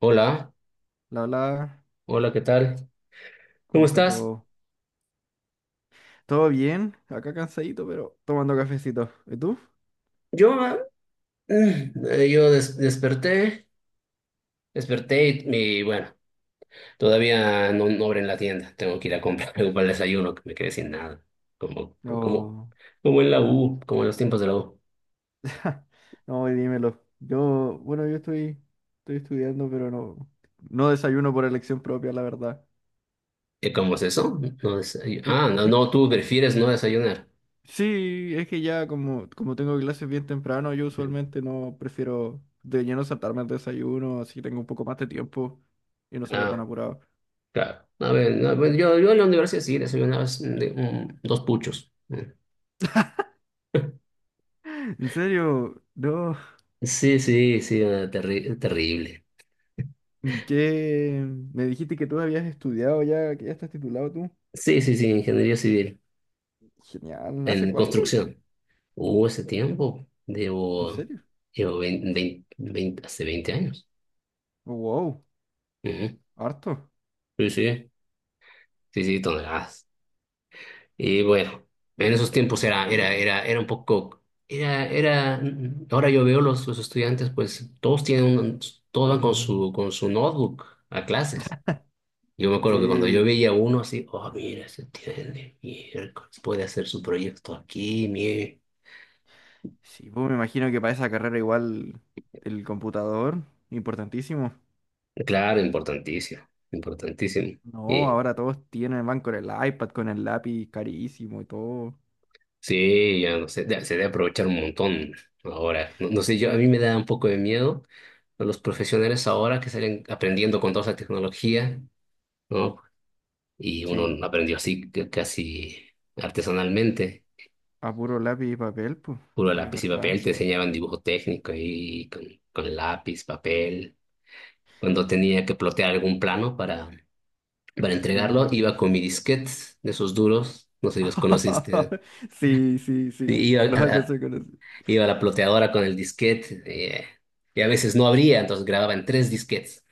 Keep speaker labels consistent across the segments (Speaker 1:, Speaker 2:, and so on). Speaker 1: Hola,
Speaker 2: La bla,
Speaker 1: hola, ¿qué tal?
Speaker 2: ¿cómo
Speaker 1: ¿Cómo
Speaker 2: está
Speaker 1: estás?
Speaker 2: todo? ¿Todo bien? Acá cansadito, pero tomando cafecito. ¿Y tú?
Speaker 1: Yo, desperté, desperté y bueno, todavía no abren la tienda. Tengo que ir a comprar algo para el desayuno, que me quedé sin nada. Como, como,
Speaker 2: No.
Speaker 1: como en la U, como en los tiempos de la U.
Speaker 2: No, y dímelo. Yo, bueno, yo estoy estudiando, pero no, no desayuno por elección propia, la verdad.
Speaker 1: ¿Y cómo es eso?
Speaker 2: Eh,
Speaker 1: No,
Speaker 2: eh,
Speaker 1: no, tú prefieres no desayunar.
Speaker 2: sí, es que ya como tengo clases bien temprano, yo
Speaker 1: Ujú.
Speaker 2: usualmente no prefiero de lleno saltarme el desayuno, así tengo un poco más de tiempo y no salgo tan
Speaker 1: Ah,
Speaker 2: apurado.
Speaker 1: claro. A ver, no, bueno, yo, en la universidad sí desayunaba dos puchos. Mm.
Speaker 2: En serio, no.
Speaker 1: Sí, sí, sí, terrible.
Speaker 2: ¿Y qué? Me dijiste que tú habías estudiado ya, que ya estás titulado tú.
Speaker 1: Sí, sí, sí, ingeniería civil
Speaker 2: Genial, ¿hace
Speaker 1: en
Speaker 2: cuánto?
Speaker 1: construcción. Hubo ese tiempo,
Speaker 2: ¿En serio?
Speaker 1: llevo 20, 20 20 hace 20 años.
Speaker 2: Wow,
Speaker 1: Ujú.
Speaker 2: harto.
Speaker 1: Sí, sí, sí, sí, toneladas. Y bueno, en esos tiempos era un poco, era, era, ahora yo veo los estudiantes, pues todos van con su notebook a clases. Yo me acuerdo que cuando yo
Speaker 2: Sí,
Speaker 1: veía a uno así, oh, mira, se tiene, miércoles, puede hacer su proyecto aquí, mire.
Speaker 2: sí, pues me imagino que para esa carrera igual el computador, importantísimo.
Speaker 1: Claro, importantísimo, importantísimo.
Speaker 2: No, ahora todos tienen, van con el iPad, con el lápiz carísimo y todo.
Speaker 1: Sí, ya no sé, se debe aprovechar un montón ahora. No, no sé, yo a mí me da un poco de miedo a los profesionales ahora que salen aprendiendo con toda esa tecnología, ¿no? Y
Speaker 2: Sí,
Speaker 1: uno aprendió así casi artesanalmente,
Speaker 2: a puro lápiz y papel, pues.
Speaker 1: puro
Speaker 2: Sí, es
Speaker 1: lápiz y
Speaker 2: verdad.
Speaker 1: papel, te enseñaban dibujo técnico ahí con, lápiz, papel. Cuando tenía que plotear algún plano para entregarlo,
Speaker 2: Verdad.
Speaker 1: iba con mi disquete de esos duros, no sé si los conociste.
Speaker 2: Sí, sí,
Speaker 1: Y
Speaker 2: sí.
Speaker 1: Iba a,
Speaker 2: Los alcancé
Speaker 1: a-
Speaker 2: a conocer.
Speaker 1: Iba la ploteadora con el disquete, y a veces no abría, entonces grababa en tres disquetes.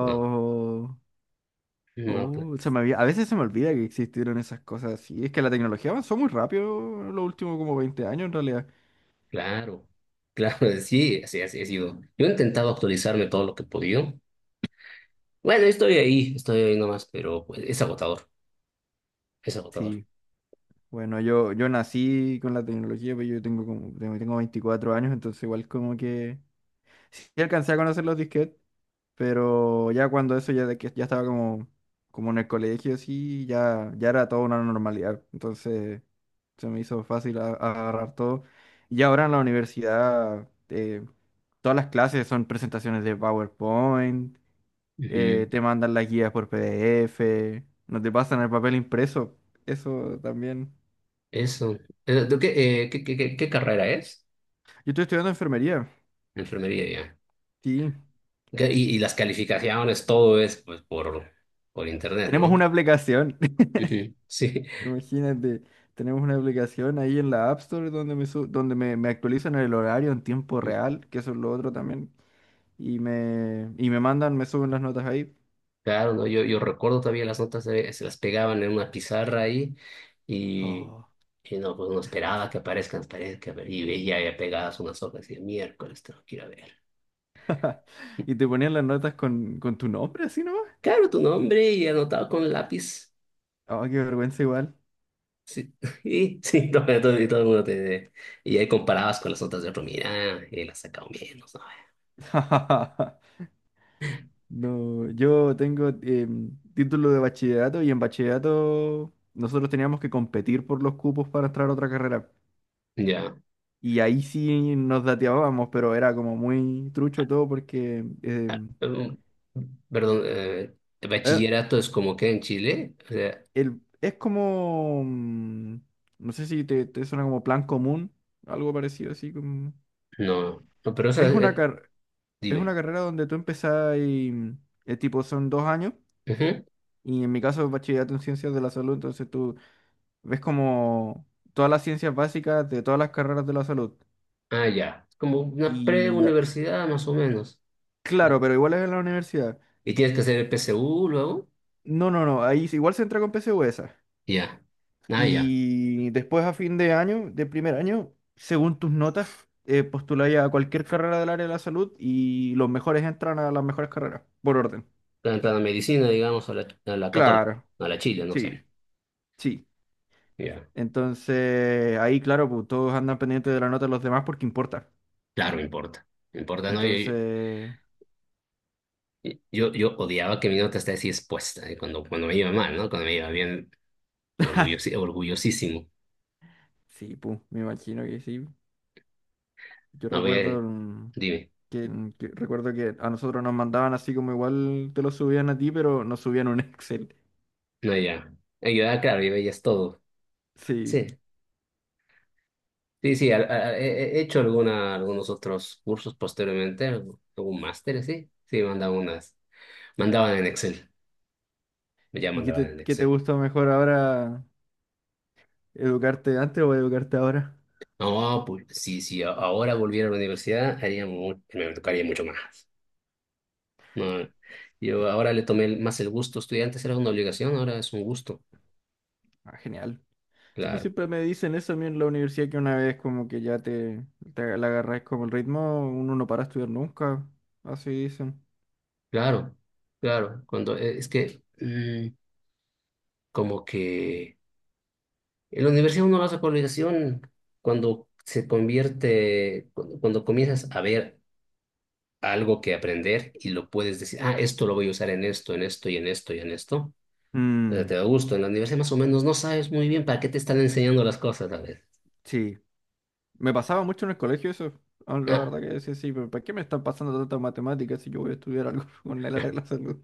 Speaker 1: No, no, pues,
Speaker 2: Oh, a veces se me olvida que existieron esas cosas así. Es que la tecnología avanzó muy rápido en los últimos como 20 años en realidad.
Speaker 1: claro, claro, sí, así he sido. Yo he intentado actualizarme todo lo que he podido. Bueno, estoy ahí nomás, pero pues, es agotador, es agotador.
Speaker 2: Sí, bueno, yo nací con la tecnología, pero yo tengo como, tengo 24 años, entonces igual como que sí alcancé a conocer los disquetes, pero ya cuando eso, ya de que ya estaba como, como en el colegio, sí, ya, ya era toda una normalidad. Entonces se me hizo fácil agarrar todo. Y ahora en la universidad, todas las clases son presentaciones de PowerPoint,
Speaker 1: Ujú.
Speaker 2: te mandan las guías por PDF, no te pasan el papel impreso. Eso también.
Speaker 1: Eso. ¿De ¿Qué, qué, qué, qué- ¿Qué carrera es?
Speaker 2: Yo estoy estudiando enfermería,
Speaker 1: Enfermería ya.
Speaker 2: sí.
Speaker 1: Y las calificaciones, todo es pues por internet,
Speaker 2: Tenemos
Speaker 1: ¿no?
Speaker 2: una aplicación.
Speaker 1: Ujú. Sí.
Speaker 2: Imagínate, tenemos una aplicación ahí en la App Store donde me, su- donde me actualizan el horario en tiempo real, que eso es lo otro también, y me mandan, me suben las notas ahí.
Speaker 1: Claro, ¿no? Yo recuerdo todavía las notas, se las pegaban en una pizarra ahí y,
Speaker 2: Oh.
Speaker 1: y no, pues no esperaba que aparezcan, las paredes, y veía ya pegadas unas hojas y de miércoles tengo que ir a ver.
Speaker 2: Y te ponían las notas con tu nombre así nomás.
Speaker 1: Claro, tu nombre y anotado con lápiz.
Speaker 2: Oh, qué vergüenza igual.
Speaker 1: Sí, y, sí, y todo el mundo te... Y ahí comparabas con las notas de otro, mira, él ha sacado menos, ¿no? Eh,
Speaker 2: No, yo tengo título de bachillerato y en bachillerato nosotros teníamos que competir por los cupos para entrar a otra carrera.
Speaker 1: Ya.
Speaker 2: Y ahí sí nos dateábamos, pero era como muy trucho todo porque
Speaker 1: em, Perdón,
Speaker 2: Eh,
Speaker 1: ¿bachillerato es como que en Chile? O sea,
Speaker 2: el, es como, no sé si te suena como plan común, algo parecido así como...
Speaker 1: no, no, pero eso,
Speaker 2: Es una, car- es una
Speaker 1: dime.
Speaker 2: carrera donde tú empezás y tipo son 2 años y en mi caso es bachillerato en ciencias de la salud, entonces tú ves como todas las ciencias básicas de todas las carreras de la salud.
Speaker 1: Ah, ya. Como una
Speaker 2: Y
Speaker 1: pre-universidad más o menos.
Speaker 2: claro, pero igual es en la universidad.
Speaker 1: Y tienes que hacer el PSU luego.
Speaker 2: No, no, no, ahí sí, igual se entra con PSU.
Speaker 1: Ya. Ah, ya.
Speaker 2: Y después a fin de año, de primer año, según tus notas, postuláis a cualquier carrera del área de la salud y los mejores entran a las mejores carreras, por orden.
Speaker 1: Tanta la medicina, digamos, a la, católica,
Speaker 2: Claro,
Speaker 1: a la Chile, no sé.
Speaker 2: sí, sí.
Speaker 1: Ya.
Speaker 2: Entonces, ahí, claro, pues, todos andan pendientes de la nota de los demás porque importa.
Speaker 1: Claro, me importa. Me importa, ¿no?
Speaker 2: Entonces,
Speaker 1: Yo odiaba que mi nota esté así expuesta, ¿eh? Cuando me iba mal, ¿no? Cuando me iba bien, orgullosísimo.
Speaker 2: sí, pues, me imagino que sí. Yo
Speaker 1: A
Speaker 2: recuerdo
Speaker 1: ver, dime.
Speaker 2: mm, que- recuerdo que a nosotros nos mandaban así como igual te lo subían a ti, pero nos subían un Excel.
Speaker 1: No, ya. Yo, claro, yo ya es todo.
Speaker 2: Sí.
Speaker 1: Sí. Sí, sí, he hecho algunos otros cursos posteriormente, algún máster, sí. Sí, mandaba unas. Mandaban en Excel, ya
Speaker 2: ¿Y qué
Speaker 1: mandaban
Speaker 2: te,
Speaker 1: en
Speaker 2: qué te
Speaker 1: Excel.
Speaker 2: gusta mejor ahora? ¿Educarte antes o educarte ahora?
Speaker 1: No, pues sí, sí, ahora volviera a la universidad, me tocaría mucho más. No, yo ahora le tomé más el gusto. Estudiar antes era una obligación, ahora es un gusto.
Speaker 2: Ah, genial. Sí, pues
Speaker 1: Claro,
Speaker 2: siempre me dicen eso a mí en la universidad que una vez como que ya te agarras como el ritmo, uno no para de estudiar nunca. Así dicen.
Speaker 1: claro, claro. Es que, como que en la universidad uno lo hace por obligación cuando se convierte, cuando comienzas a ver algo que aprender y lo puedes decir, ah, esto lo voy a usar en esto y en esto y en esto. O sea,
Speaker 2: Mm,
Speaker 1: te da gusto. En la universidad más o menos no sabes muy bien para qué te están enseñando las cosas a veces.
Speaker 2: sí. Me pasaba mucho en el colegio eso. La
Speaker 1: Ah,
Speaker 2: verdad que decía, sí, pero ¿para qué me están pasando tantas matemáticas si yo voy a estudiar algo con la salud?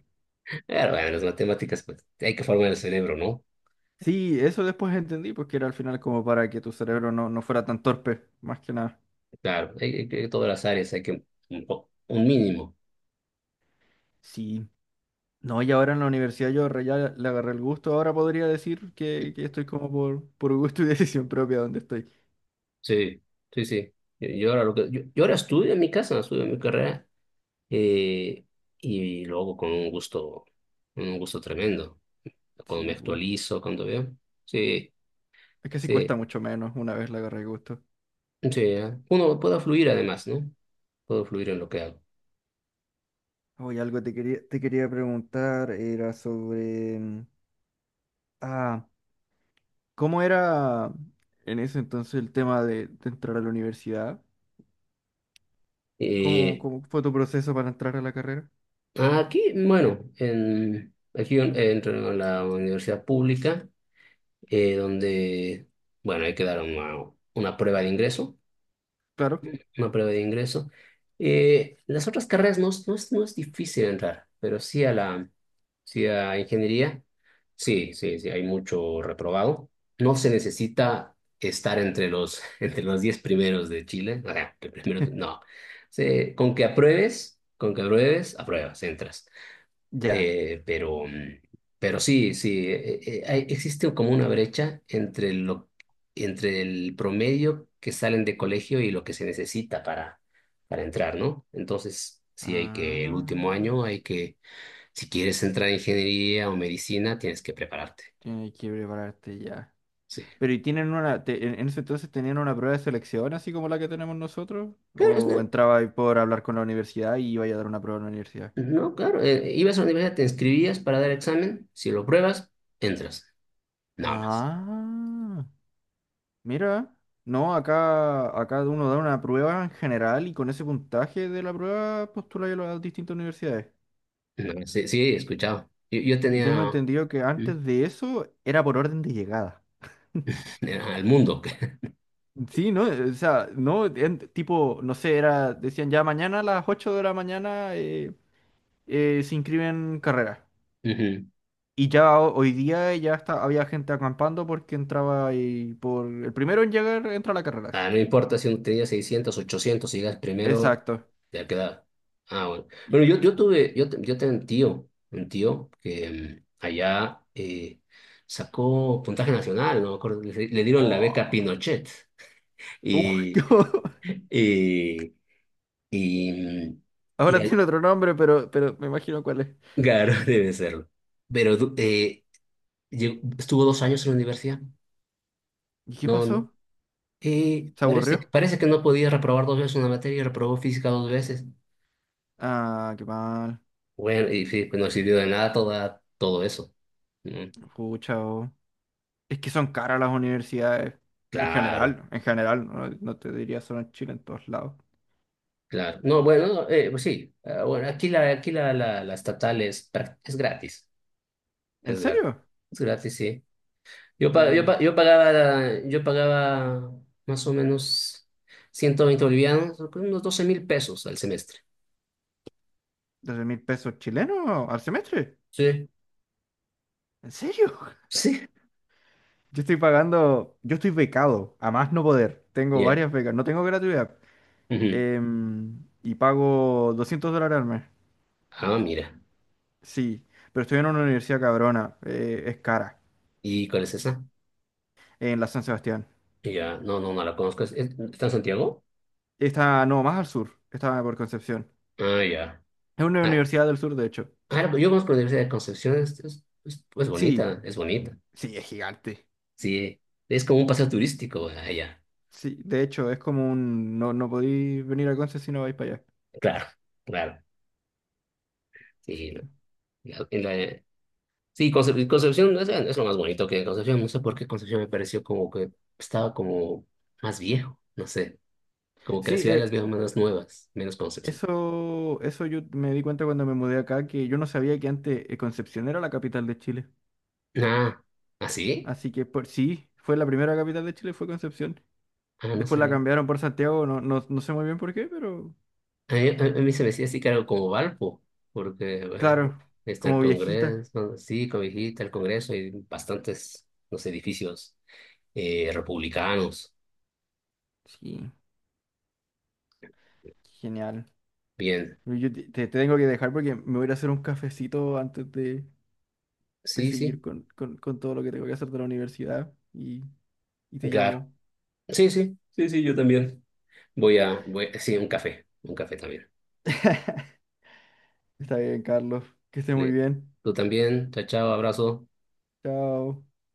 Speaker 1: pero bueno, las matemáticas, pues hay que formar el cerebro, ¿no?
Speaker 2: Sí, eso después entendí, pues que era al final como para que tu cerebro no fuera tan torpe, más que nada.
Speaker 1: Claro, todas las áreas hay que un mínimo.
Speaker 2: Sí. No, y ahora en la universidad yo ya le agarré el gusto. Ahora podría decir que estoy como por gusto y decisión propia donde estoy.
Speaker 1: Sí, sí, sí. Yo ahora lo que, yo ahora estudio en mi casa, estudio mi carrera, eh, y lo hago con un gusto tremendo. Cuando
Speaker 2: Sí,
Speaker 1: me
Speaker 2: pu.
Speaker 1: actualizo, cuando veo. Sí.
Speaker 2: Es que sí cuesta
Speaker 1: Sí,
Speaker 2: mucho menos una vez le agarré el gusto.
Speaker 1: Sí, uno puede fluir además, ¿no? Puedo fluir en lo que hago.
Speaker 2: Oye, algo te quería preguntar era sobre... Ah, ¿cómo era en ese entonces el tema de entrar a la universidad? ¿Cómo,
Speaker 1: Y
Speaker 2: cómo fue tu proceso para entrar a la carrera?
Speaker 1: aquí, bueno, aquí yo entro en la universidad pública, donde, bueno, hay que dar una prueba de ingreso.
Speaker 2: Claro.
Speaker 1: Una prueba de ingreso. Las otras carreras no, no es difícil entrar, pero sí a ingeniería, sí, sí, sí, hay mucho reprobado. No se necesita estar entre los 10 primeros de Chile, o sea, el primero, no. Con que apruebes, apruebas, entras.
Speaker 2: Ya.
Speaker 1: Pero, pero sí, sí, existe como una brecha entre el promedio que salen de colegio y lo que se necesita para entrar, ¿no? Entonces, el
Speaker 2: Ah,
Speaker 1: último año si quieres entrar en ingeniería o medicina, tienes que prepararte.
Speaker 2: tienes que prepararte ya.
Speaker 1: Sí.
Speaker 2: Pero y tienen una, en ese entonces tenían una prueba de selección así como la que tenemos nosotros,
Speaker 1: Claro, es
Speaker 2: o
Speaker 1: no,
Speaker 2: entraba ahí por hablar con la universidad y iba a dar una prueba en la universidad.
Speaker 1: no, claro, ibas a la universidad, te inscribías para dar examen, si lo pruebas, entras, nada más.
Speaker 2: Ah, mira, no, acá uno da una prueba en general y con ese puntaje de la prueba postula a las distintas universidades.
Speaker 1: No, sí, sí, he escuchado. Yo
Speaker 2: Y tengo
Speaker 1: tenía,
Speaker 2: entendido que
Speaker 1: mm,
Speaker 2: antes de eso era por orden de llegada.
Speaker 1: al mundo.
Speaker 2: Sí, no, o sea, no, tipo, no sé, era, decían ya mañana a las 8 de la mañana se inscriben carreras.
Speaker 1: Ujú.
Speaker 2: Y ya hoy día ya está, había gente acampando porque entraba ahí por el primero en llegar entra a la carrera. Sí.
Speaker 1: Ah, no importa si uno tenía 600, 800, si llegas primero,
Speaker 2: Exacto.
Speaker 1: ya queda. Ah, bueno.
Speaker 2: Y-
Speaker 1: Bueno, yo tuve, yo, te- yo tenía un tío, que allá, sacó puntaje nacional, no me acuerdo, le dieron la beca
Speaker 2: wow.
Speaker 1: Pinochet.
Speaker 2: Uf, qué
Speaker 1: Y,
Speaker 2: bo-
Speaker 1: y, y, mm, y
Speaker 2: Ahora
Speaker 1: al-
Speaker 2: tiene otro nombre, pero me imagino cuál es.
Speaker 1: claro, debe serlo. Pero du- eh, estuvo 2 años en la universidad.
Speaker 2: ¿Y qué
Speaker 1: No, no.
Speaker 2: pasó? ¿Se aburrió?
Speaker 1: Parece que no podía reprobar dos veces una materia y reprobó física dos veces.
Speaker 2: Ah, qué mal.
Speaker 1: Bueno, y sí, pues no sirvió de nada, todo eso. Mm,
Speaker 2: Pucha, oh. Es que son caras las universidades.
Speaker 1: claro,
Speaker 2: En general, no, no te diría solo en Chile, en todos lados.
Speaker 1: claro. No, bueno, no, pues sí. Ah, bueno, aquí la estatal es gratis.
Speaker 2: ¿En
Speaker 1: Es gratis.
Speaker 2: serio?
Speaker 1: Es gratis, sí.
Speaker 2: Uh,
Speaker 1: Yo pagaba más o menos 120 bolivianos, unos 12.000 pesos al semestre.
Speaker 2: ¿12 mil pesos chilenos al semestre?
Speaker 1: Sí.
Speaker 2: ¿En serio?
Speaker 1: Sí.
Speaker 2: Yo estoy pagando, yo estoy becado, a más no poder. Tengo
Speaker 1: Ya.
Speaker 2: varias becas, no tengo gratuidad.
Speaker 1: Ujú.
Speaker 2: Y pago $200 al mes.
Speaker 1: Ah, mira.
Speaker 2: Sí, pero estoy en una universidad cabrona, es cara,
Speaker 1: ¿Y cuál es esa?
Speaker 2: en la San Sebastián.
Speaker 1: Ya, no, no, no la conozco. ¿Está en Santiago?
Speaker 2: Está, no, más al sur, está por Concepción.
Speaker 1: Ah, ya.
Speaker 2: Es una
Speaker 1: Ah,
Speaker 2: universidad del sur, de hecho.
Speaker 1: claro, pues yo conozco la Universidad de Concepción, es bonita,
Speaker 2: Sí,
Speaker 1: es bonita.
Speaker 2: sí, es gigante.
Speaker 1: Sí, es como un paseo turístico allá.
Speaker 2: Sí, de hecho, es como un, no, no podéis venir a Conce si no vais para allá.
Speaker 1: Claro, claro.
Speaker 2: Sí,
Speaker 1: Sí, la- en la- sí Concep- Concepción es, lo más bonito que Concepción. No sé por qué Concepción me pareció como que estaba como más viejo, no sé. Como que la
Speaker 2: sí,
Speaker 1: ciudad de las viejas más nuevas, menos Concepción.
Speaker 2: eso, eso yo me di cuenta cuando me mudé acá, que yo no sabía que antes Concepción era la capital de Chile.
Speaker 1: Ah, ¿así?
Speaker 2: Así que por, sí, fue la primera capital de Chile, fue Concepción.
Speaker 1: Ah, no
Speaker 2: Después la
Speaker 1: sé.
Speaker 2: cambiaron por Santiago, no, no, no sé muy bien por qué, pero
Speaker 1: A mí se me hacía así que era como Valpo, porque bueno,
Speaker 2: claro,
Speaker 1: está el
Speaker 2: como viejita.
Speaker 1: Congreso, sí, Cobijita, el Congreso y bastantes los edificios, republicanos.
Speaker 2: Sí, genial.
Speaker 1: Bien,
Speaker 2: Yo te tengo que dejar porque me voy a ir a hacer un cafecito antes de
Speaker 1: sí, sí,
Speaker 2: seguir con, con todo lo que tengo que hacer de la universidad y te
Speaker 1: claro.
Speaker 2: llamo.
Speaker 1: Sí, sí, sí, sí, yo también. Voy, sí, un café también.
Speaker 2: Está bien, Carlos. Que estés muy
Speaker 1: Le-
Speaker 2: bien.
Speaker 1: Tú también, chao, chao, abrazo.
Speaker 2: Chao.